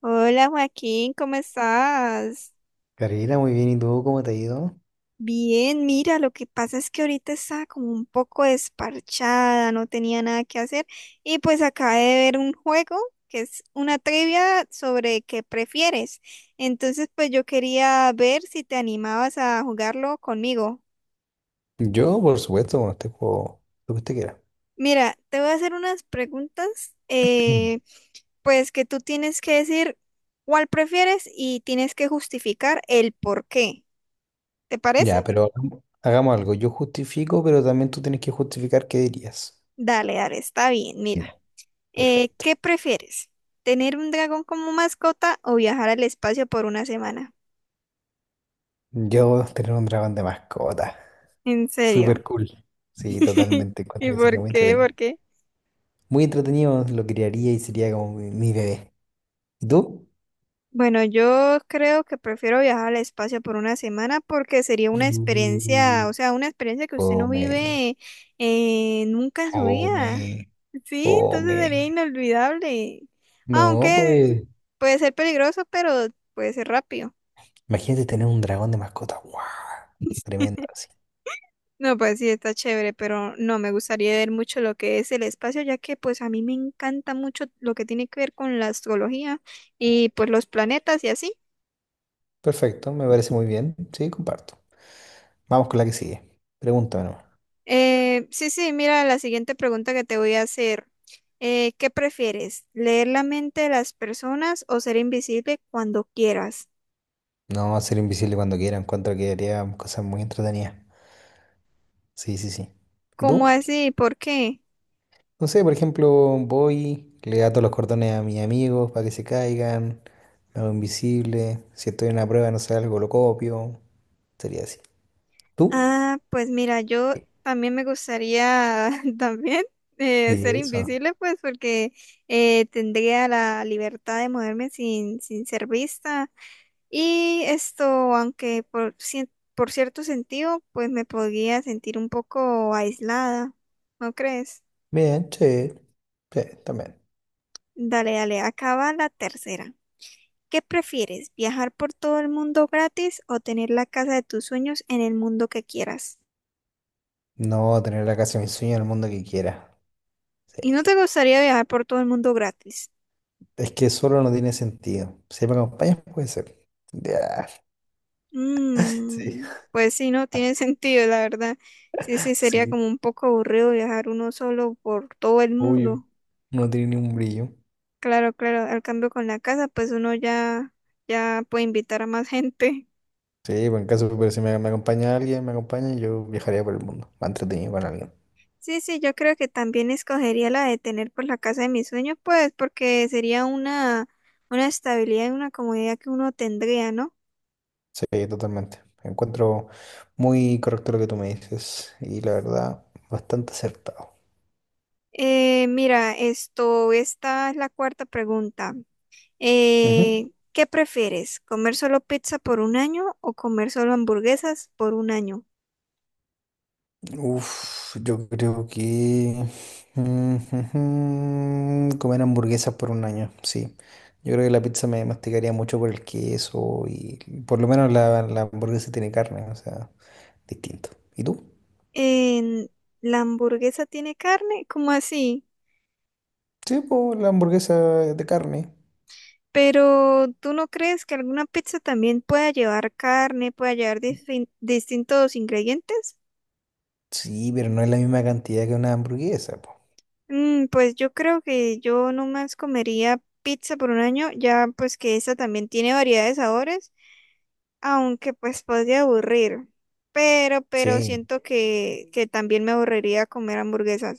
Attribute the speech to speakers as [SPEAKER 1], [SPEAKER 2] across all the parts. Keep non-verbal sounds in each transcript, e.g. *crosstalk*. [SPEAKER 1] Hola Joaquín, ¿cómo estás?
[SPEAKER 2] Karina, muy bien. ¿Y tú cómo te ha ido?
[SPEAKER 1] Bien, mira, lo que pasa es que ahorita estaba como un poco desparchada, no tenía nada que hacer y pues acabé de ver un juego que es una trivia sobre qué prefieres. Entonces pues yo quería ver si te animabas a jugarlo conmigo.
[SPEAKER 2] Yo, por supuesto, bueno, este juego, lo que usted quiera.
[SPEAKER 1] Mira, te voy a hacer unas preguntas,
[SPEAKER 2] Mm.
[SPEAKER 1] pues que tú tienes que decir cuál prefieres y tienes que justificar el por qué. ¿Te parece?
[SPEAKER 2] Ya, pero hagamos algo. Yo justifico, pero también tú tienes que justificar qué dirías.
[SPEAKER 1] Dale, dale, está bien. Mira,
[SPEAKER 2] Ya. Perfecto.
[SPEAKER 1] ¿qué prefieres? ¿Tener un dragón como mascota o viajar al espacio por una semana?
[SPEAKER 2] Yo tener un dragón de mascota.
[SPEAKER 1] En serio.
[SPEAKER 2] Súper cool.
[SPEAKER 1] *laughs*
[SPEAKER 2] Sí, totalmente.
[SPEAKER 1] ¿Y
[SPEAKER 2] Encuentro que sería
[SPEAKER 1] por
[SPEAKER 2] muy
[SPEAKER 1] qué? ¿Por
[SPEAKER 2] entretenido.
[SPEAKER 1] qué?
[SPEAKER 2] Muy entretenido, lo criaría y sería como mi bebé. ¿Y tú?
[SPEAKER 1] Bueno, yo creo que prefiero viajar al espacio por una semana porque sería una experiencia,
[SPEAKER 2] Mm.
[SPEAKER 1] o sea, una experiencia que usted no
[SPEAKER 2] Come,
[SPEAKER 1] vive nunca en su vida.
[SPEAKER 2] come,
[SPEAKER 1] Sí, entonces sería
[SPEAKER 2] come.
[SPEAKER 1] inolvidable.
[SPEAKER 2] No,
[SPEAKER 1] Aunque
[SPEAKER 2] pues.
[SPEAKER 1] puede ser peligroso, pero puede ser rápido.
[SPEAKER 2] Imagínate tener un dragón de mascota. ¡Wow! Tremendo, así.
[SPEAKER 1] No, pues sí, está chévere, pero no, me gustaría ver mucho lo que es el espacio, ya que pues a mí me encanta mucho lo que tiene que ver con la astrología y pues los planetas y así.
[SPEAKER 2] Perfecto, me parece muy bien. Sí, comparto. Vamos con la que sigue. Pregúntame nomás.
[SPEAKER 1] Sí, sí, mira la siguiente pregunta que te voy a hacer. ¿Qué prefieres? ¿Leer la mente de las personas o ser invisible cuando quieras?
[SPEAKER 2] No, ser invisible cuando quiera. Encuentro que haría cosas muy entretenidas. Sí, sí, sí. ¿Y
[SPEAKER 1] ¿Cómo
[SPEAKER 2] tú?
[SPEAKER 1] así? ¿Por qué?
[SPEAKER 2] No sé, por ejemplo, voy, le ato los cordones a mis amigos para que se caigan. Me hago invisible. Si estoy en una prueba, no sé, algo lo copio. Sería así. ¿Tú?
[SPEAKER 1] Ah, pues mira, yo también me gustaría *laughs* también
[SPEAKER 2] Y
[SPEAKER 1] ser
[SPEAKER 2] eso.
[SPEAKER 1] invisible, pues porque tendría la libertad de moverme sin ser vista. Y esto, aunque por, por cierto sentido, pues me podría sentir un poco aislada, ¿no crees?
[SPEAKER 2] Bien, che. Sí, también.
[SPEAKER 1] Dale, dale, acaba la tercera. ¿Qué prefieres, viajar por todo el mundo gratis o tener la casa de tus sueños en el mundo que quieras?
[SPEAKER 2] No, tener la casa de mis sueños en el mundo que quiera. Sí.
[SPEAKER 1] ¿Y no te gustaría viajar por todo el mundo gratis?
[SPEAKER 2] Es que solo no tiene sentido. Si me acompañas, puede ser. Ya, sí,
[SPEAKER 1] Mm, pues sí, no tiene *laughs* sentido, la verdad. Sí, sí,
[SPEAKER 2] *laughs*
[SPEAKER 1] sería
[SPEAKER 2] sí,
[SPEAKER 1] como un poco aburrido viajar uno solo por todo el
[SPEAKER 2] obvio.
[SPEAKER 1] mundo.
[SPEAKER 2] No tiene ni un brillo.
[SPEAKER 1] Claro, claro, al cambio con la casa, pues uno ya, ya puede invitar a más gente. *laughs*
[SPEAKER 2] Sí, pues en caso, pero si me acompaña alguien, me acompaña, yo viajaría por el mundo, más entretenido con alguien.
[SPEAKER 1] Sí, sí, yo creo que también escogería la de tener por la casa de mis sueños, pues, porque sería una estabilidad y una comodidad que uno tendría, ¿no?
[SPEAKER 2] Sí, totalmente. Encuentro muy correcto lo que tú me dices y la verdad, bastante acertado.
[SPEAKER 1] Mira, esto, esta es la cuarta pregunta.
[SPEAKER 2] Ujú.
[SPEAKER 1] ¿Qué prefieres? ¿Comer solo pizza por un año o comer solo hamburguesas por un año?
[SPEAKER 2] Uf, yo creo que *laughs* comer hamburguesas por un año, sí. Yo creo que la pizza me masticaría mucho por el queso y por lo menos la hamburguesa tiene carne, o sea, distinto. ¿Y tú?
[SPEAKER 1] En- ¿La hamburguesa tiene carne? ¿Cómo así?
[SPEAKER 2] Sí, pues la hamburguesa es de carne.
[SPEAKER 1] Pero ¿tú no crees que alguna pizza también pueda llevar carne, pueda llevar distintos ingredientes?
[SPEAKER 2] Sí, pero no es la misma cantidad que una hamburguesa, po.
[SPEAKER 1] Mm, pues yo creo que yo nomás comería pizza por un año, ya pues que esa también tiene variedad de sabores, aunque pues podría aburrir, pero
[SPEAKER 2] Sí.
[SPEAKER 1] siento que también me aburriría comer hamburguesas.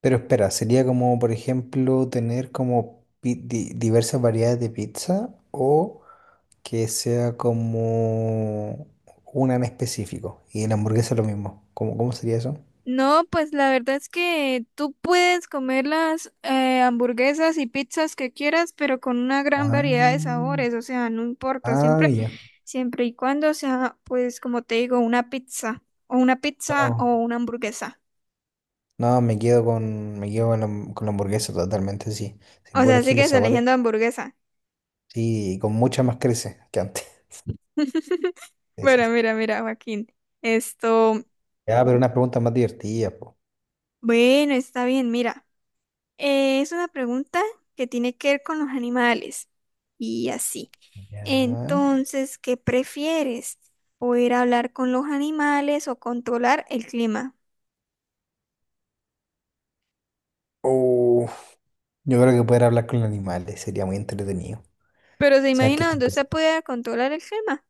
[SPEAKER 2] Pero espera, sería como, por ejemplo, tener como diversas variedades de pizza o que sea como una en específico. Y en la hamburguesa lo mismo. ¿Cómo, cómo sería eso?
[SPEAKER 1] No, pues la verdad es que tú puedes comer las hamburguesas y pizzas que quieras, pero con una gran variedad de
[SPEAKER 2] Ah,
[SPEAKER 1] sabores, o sea, no importa,
[SPEAKER 2] ah,
[SPEAKER 1] siempre,
[SPEAKER 2] ya.
[SPEAKER 1] siempre y cuando sea, pues como te digo, una pizza o una pizza
[SPEAKER 2] No,
[SPEAKER 1] o una hamburguesa.
[SPEAKER 2] no, me quedo con la, con la hamburguesa totalmente, sí. Si
[SPEAKER 1] O
[SPEAKER 2] puedo
[SPEAKER 1] sea,
[SPEAKER 2] elegir los
[SPEAKER 1] sigues
[SPEAKER 2] sabores,
[SPEAKER 1] eligiendo hamburguesa.
[SPEAKER 2] sí, y con mucha más crece que antes. *laughs*
[SPEAKER 1] *laughs*
[SPEAKER 2] Sí, sí,
[SPEAKER 1] Bueno,
[SPEAKER 2] sí.
[SPEAKER 1] mira, Joaquín. Esto,
[SPEAKER 2] Ya, pero unas preguntas más divertidas, po.
[SPEAKER 1] bueno, está bien, mira. Es una pregunta que tiene que ver con los animales y así.
[SPEAKER 2] Ya.
[SPEAKER 1] Entonces, ¿qué prefieres? ¿Poder hablar con los animales o controlar el clima?
[SPEAKER 2] Uf, yo creo que poder hablar con los animales sería muy entretenido.
[SPEAKER 1] Pero se
[SPEAKER 2] ¿Sabes qué
[SPEAKER 1] imagina
[SPEAKER 2] están?
[SPEAKER 1] donde usted puede controlar el clima.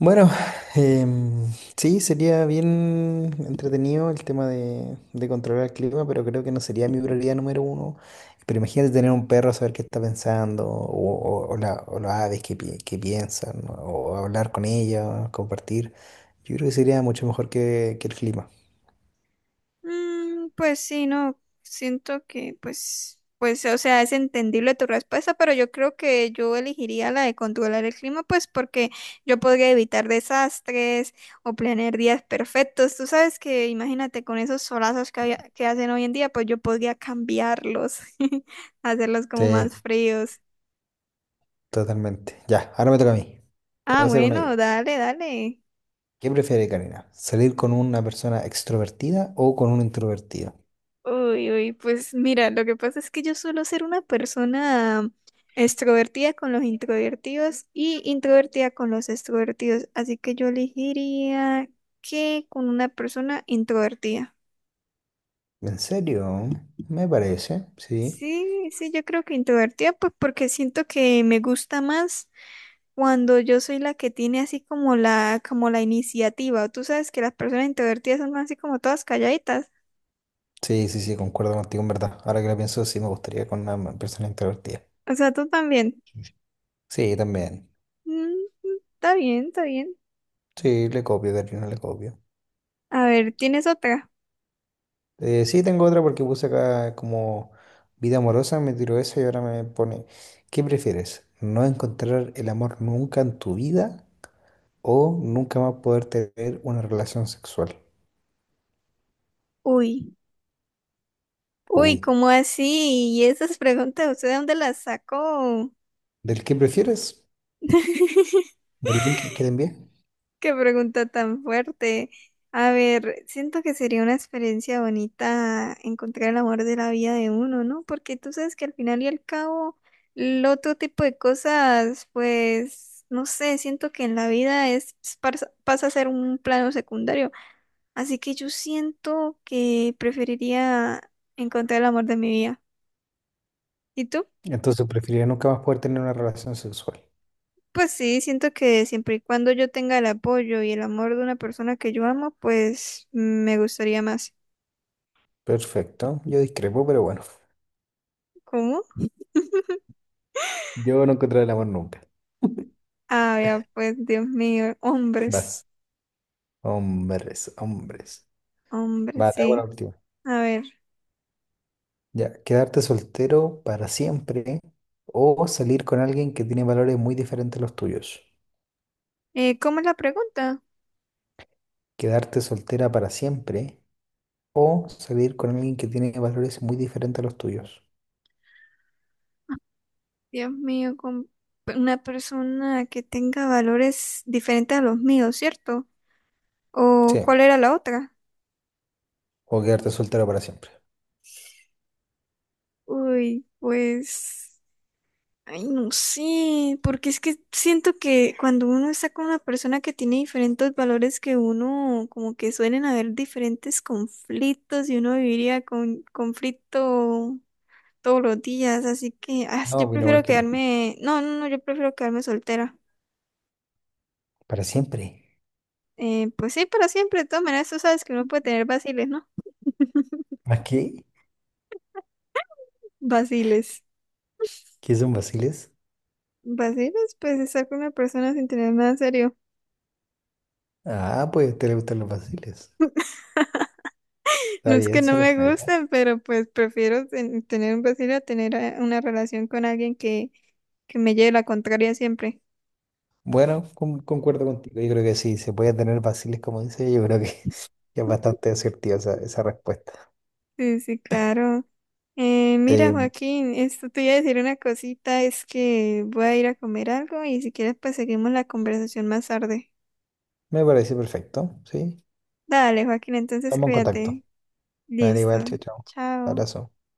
[SPEAKER 2] Bueno, em, sí, sería bien entretenido el tema de controlar el clima, pero creo que no sería mi prioridad número uno. Pero imagínate tener un perro, saber qué está pensando, o, o las aves que, que piensan, o hablar con ellas, compartir. Yo creo que sería mucho mejor que el clima.
[SPEAKER 1] Mm, pues sí, no, siento que pues, o sea, es entendible tu respuesta, pero yo creo que yo elegiría la de controlar el clima, pues porque yo podría evitar desastres o planear días perfectos. Tú sabes que, imagínate, con esos solazos que hacen hoy en día, pues yo podría cambiarlos, *laughs* hacerlos
[SPEAKER 2] Sí,
[SPEAKER 1] como más fríos.
[SPEAKER 2] totalmente. Ya, ahora me toca a mí. Te
[SPEAKER 1] Ah,
[SPEAKER 2] voy a hacer una yo.
[SPEAKER 1] bueno, dale, dale.
[SPEAKER 2] ¿Qué prefiere, Karina? ¿Salir con una persona extrovertida o con un introvertido?
[SPEAKER 1] Uy, uy, pues mira, lo que pasa es que yo suelo ser una persona extrovertida con los introvertidos y introvertida con los extrovertidos, así que yo elegiría que con una persona introvertida.
[SPEAKER 2] ¿En serio? Me parece, sí.
[SPEAKER 1] Sí, sí, yo creo que introvertida, pues porque siento que me gusta más cuando yo soy la que tiene así como como la iniciativa. Tú sabes que las personas introvertidas son así como todas calladitas.
[SPEAKER 2] Sí, sí, sí, concuerdo contigo, en verdad. Ahora que lo pienso, sí me gustaría con una persona introvertida.
[SPEAKER 1] O sea, tú también.
[SPEAKER 2] Sí, también.
[SPEAKER 1] Mm, mm, está bien, está bien.
[SPEAKER 2] Sí, le copio, de no le copio.
[SPEAKER 1] A ver, ¿tienes otra?
[SPEAKER 2] Sí, tengo otra porque puse acá como vida amorosa, me tiró esa y ahora me pone, ¿qué prefieres? ¿No encontrar el amor nunca en tu vida o nunca más poder tener una relación sexual?
[SPEAKER 1] Uy, uy,
[SPEAKER 2] Uy,
[SPEAKER 1] ¿cómo así? ¿Y esas preguntas, usted de dónde las sacó?
[SPEAKER 2] ¿del qué prefieres?
[SPEAKER 1] *laughs*
[SPEAKER 2] ¿Del link que te envié?
[SPEAKER 1] Qué pregunta tan fuerte. A ver, siento que sería una experiencia bonita encontrar el amor de la vida de uno, ¿no? Porque tú sabes que al final y al cabo, el otro tipo de cosas, pues, no sé, siento que en la vida es pasa a ser un plano secundario. Así que yo siento que preferiría encontrar el amor de mi vida. ¿Y tú?
[SPEAKER 2] Entonces preferiría nunca más poder tener una relación sexual.
[SPEAKER 1] Pues sí, siento que siempre y cuando yo tenga el apoyo y el amor de una persona que yo amo, pues me gustaría más.
[SPEAKER 2] Perfecto, yo discrepo, pero bueno.
[SPEAKER 1] ¿Cómo?
[SPEAKER 2] Yo no encontré el amor nunca.
[SPEAKER 1] Ah, ya, pues Dios mío, hombres,
[SPEAKER 2] Vas. Hombres, hombres.
[SPEAKER 1] hombres,
[SPEAKER 2] Va, te hago la
[SPEAKER 1] sí.
[SPEAKER 2] última.
[SPEAKER 1] A ver,
[SPEAKER 2] Ya, quedarte soltero para siempre o salir con alguien que tiene valores muy diferentes a los tuyos.
[SPEAKER 1] ¿cómo es la pregunta?
[SPEAKER 2] Quedarte soltera para siempre o salir con alguien que tiene valores muy diferentes a los tuyos.
[SPEAKER 1] Dios mío, con una persona que tenga valores diferentes a los míos, ¿cierto?
[SPEAKER 2] Sí,
[SPEAKER 1] ¿O cuál era la otra?
[SPEAKER 2] o quedarte soltero para siempre.
[SPEAKER 1] Uy, pues... Ay, no sé, porque es que siento que cuando uno está con una persona que tiene diferentes valores que uno, como que suelen haber diferentes conflictos y uno viviría con conflicto todos los días, así que ah, yo
[SPEAKER 2] No, vino
[SPEAKER 1] prefiero
[SPEAKER 2] cualquier.
[SPEAKER 1] quedarme, no, no, no, yo prefiero quedarme soltera.
[SPEAKER 2] Para siempre.
[SPEAKER 1] Pues sí, para siempre, de todas maneras, tú sabes que uno puede tener vaciles, ¿no?
[SPEAKER 2] ¿A qué?
[SPEAKER 1] Vaciles.
[SPEAKER 2] ¿Qué son vaciles?
[SPEAKER 1] Vaciles, pues estar con una persona sin tener nada serio.
[SPEAKER 2] Ah, pues a usted le gustan los vaciles. Está
[SPEAKER 1] No es que
[SPEAKER 2] bien,
[SPEAKER 1] no
[SPEAKER 2] se
[SPEAKER 1] me
[SPEAKER 2] respeta.
[SPEAKER 1] gusten, pero pues prefiero tener un vacío a tener una relación con alguien que me lleve la contraria siempre.
[SPEAKER 2] Bueno, concuerdo contigo. Yo creo que sí, se puede tener vaciles, como dice. Yo creo que *laughs* es bastante asertiva esa respuesta.
[SPEAKER 1] Sí, sí, claro. Mira,
[SPEAKER 2] Eh,
[SPEAKER 1] Joaquín, esto te iba a decir una cosita, es que voy a ir a comer algo y si quieres pues seguimos la conversación más tarde.
[SPEAKER 2] me parece perfecto, ¿sí?
[SPEAKER 1] Dale, Joaquín, entonces
[SPEAKER 2] Estamos en contacto.
[SPEAKER 1] cuídate.
[SPEAKER 2] Vale,
[SPEAKER 1] Listo.
[SPEAKER 2] igual, chao, chao.
[SPEAKER 1] Chao.
[SPEAKER 2] Abrazo.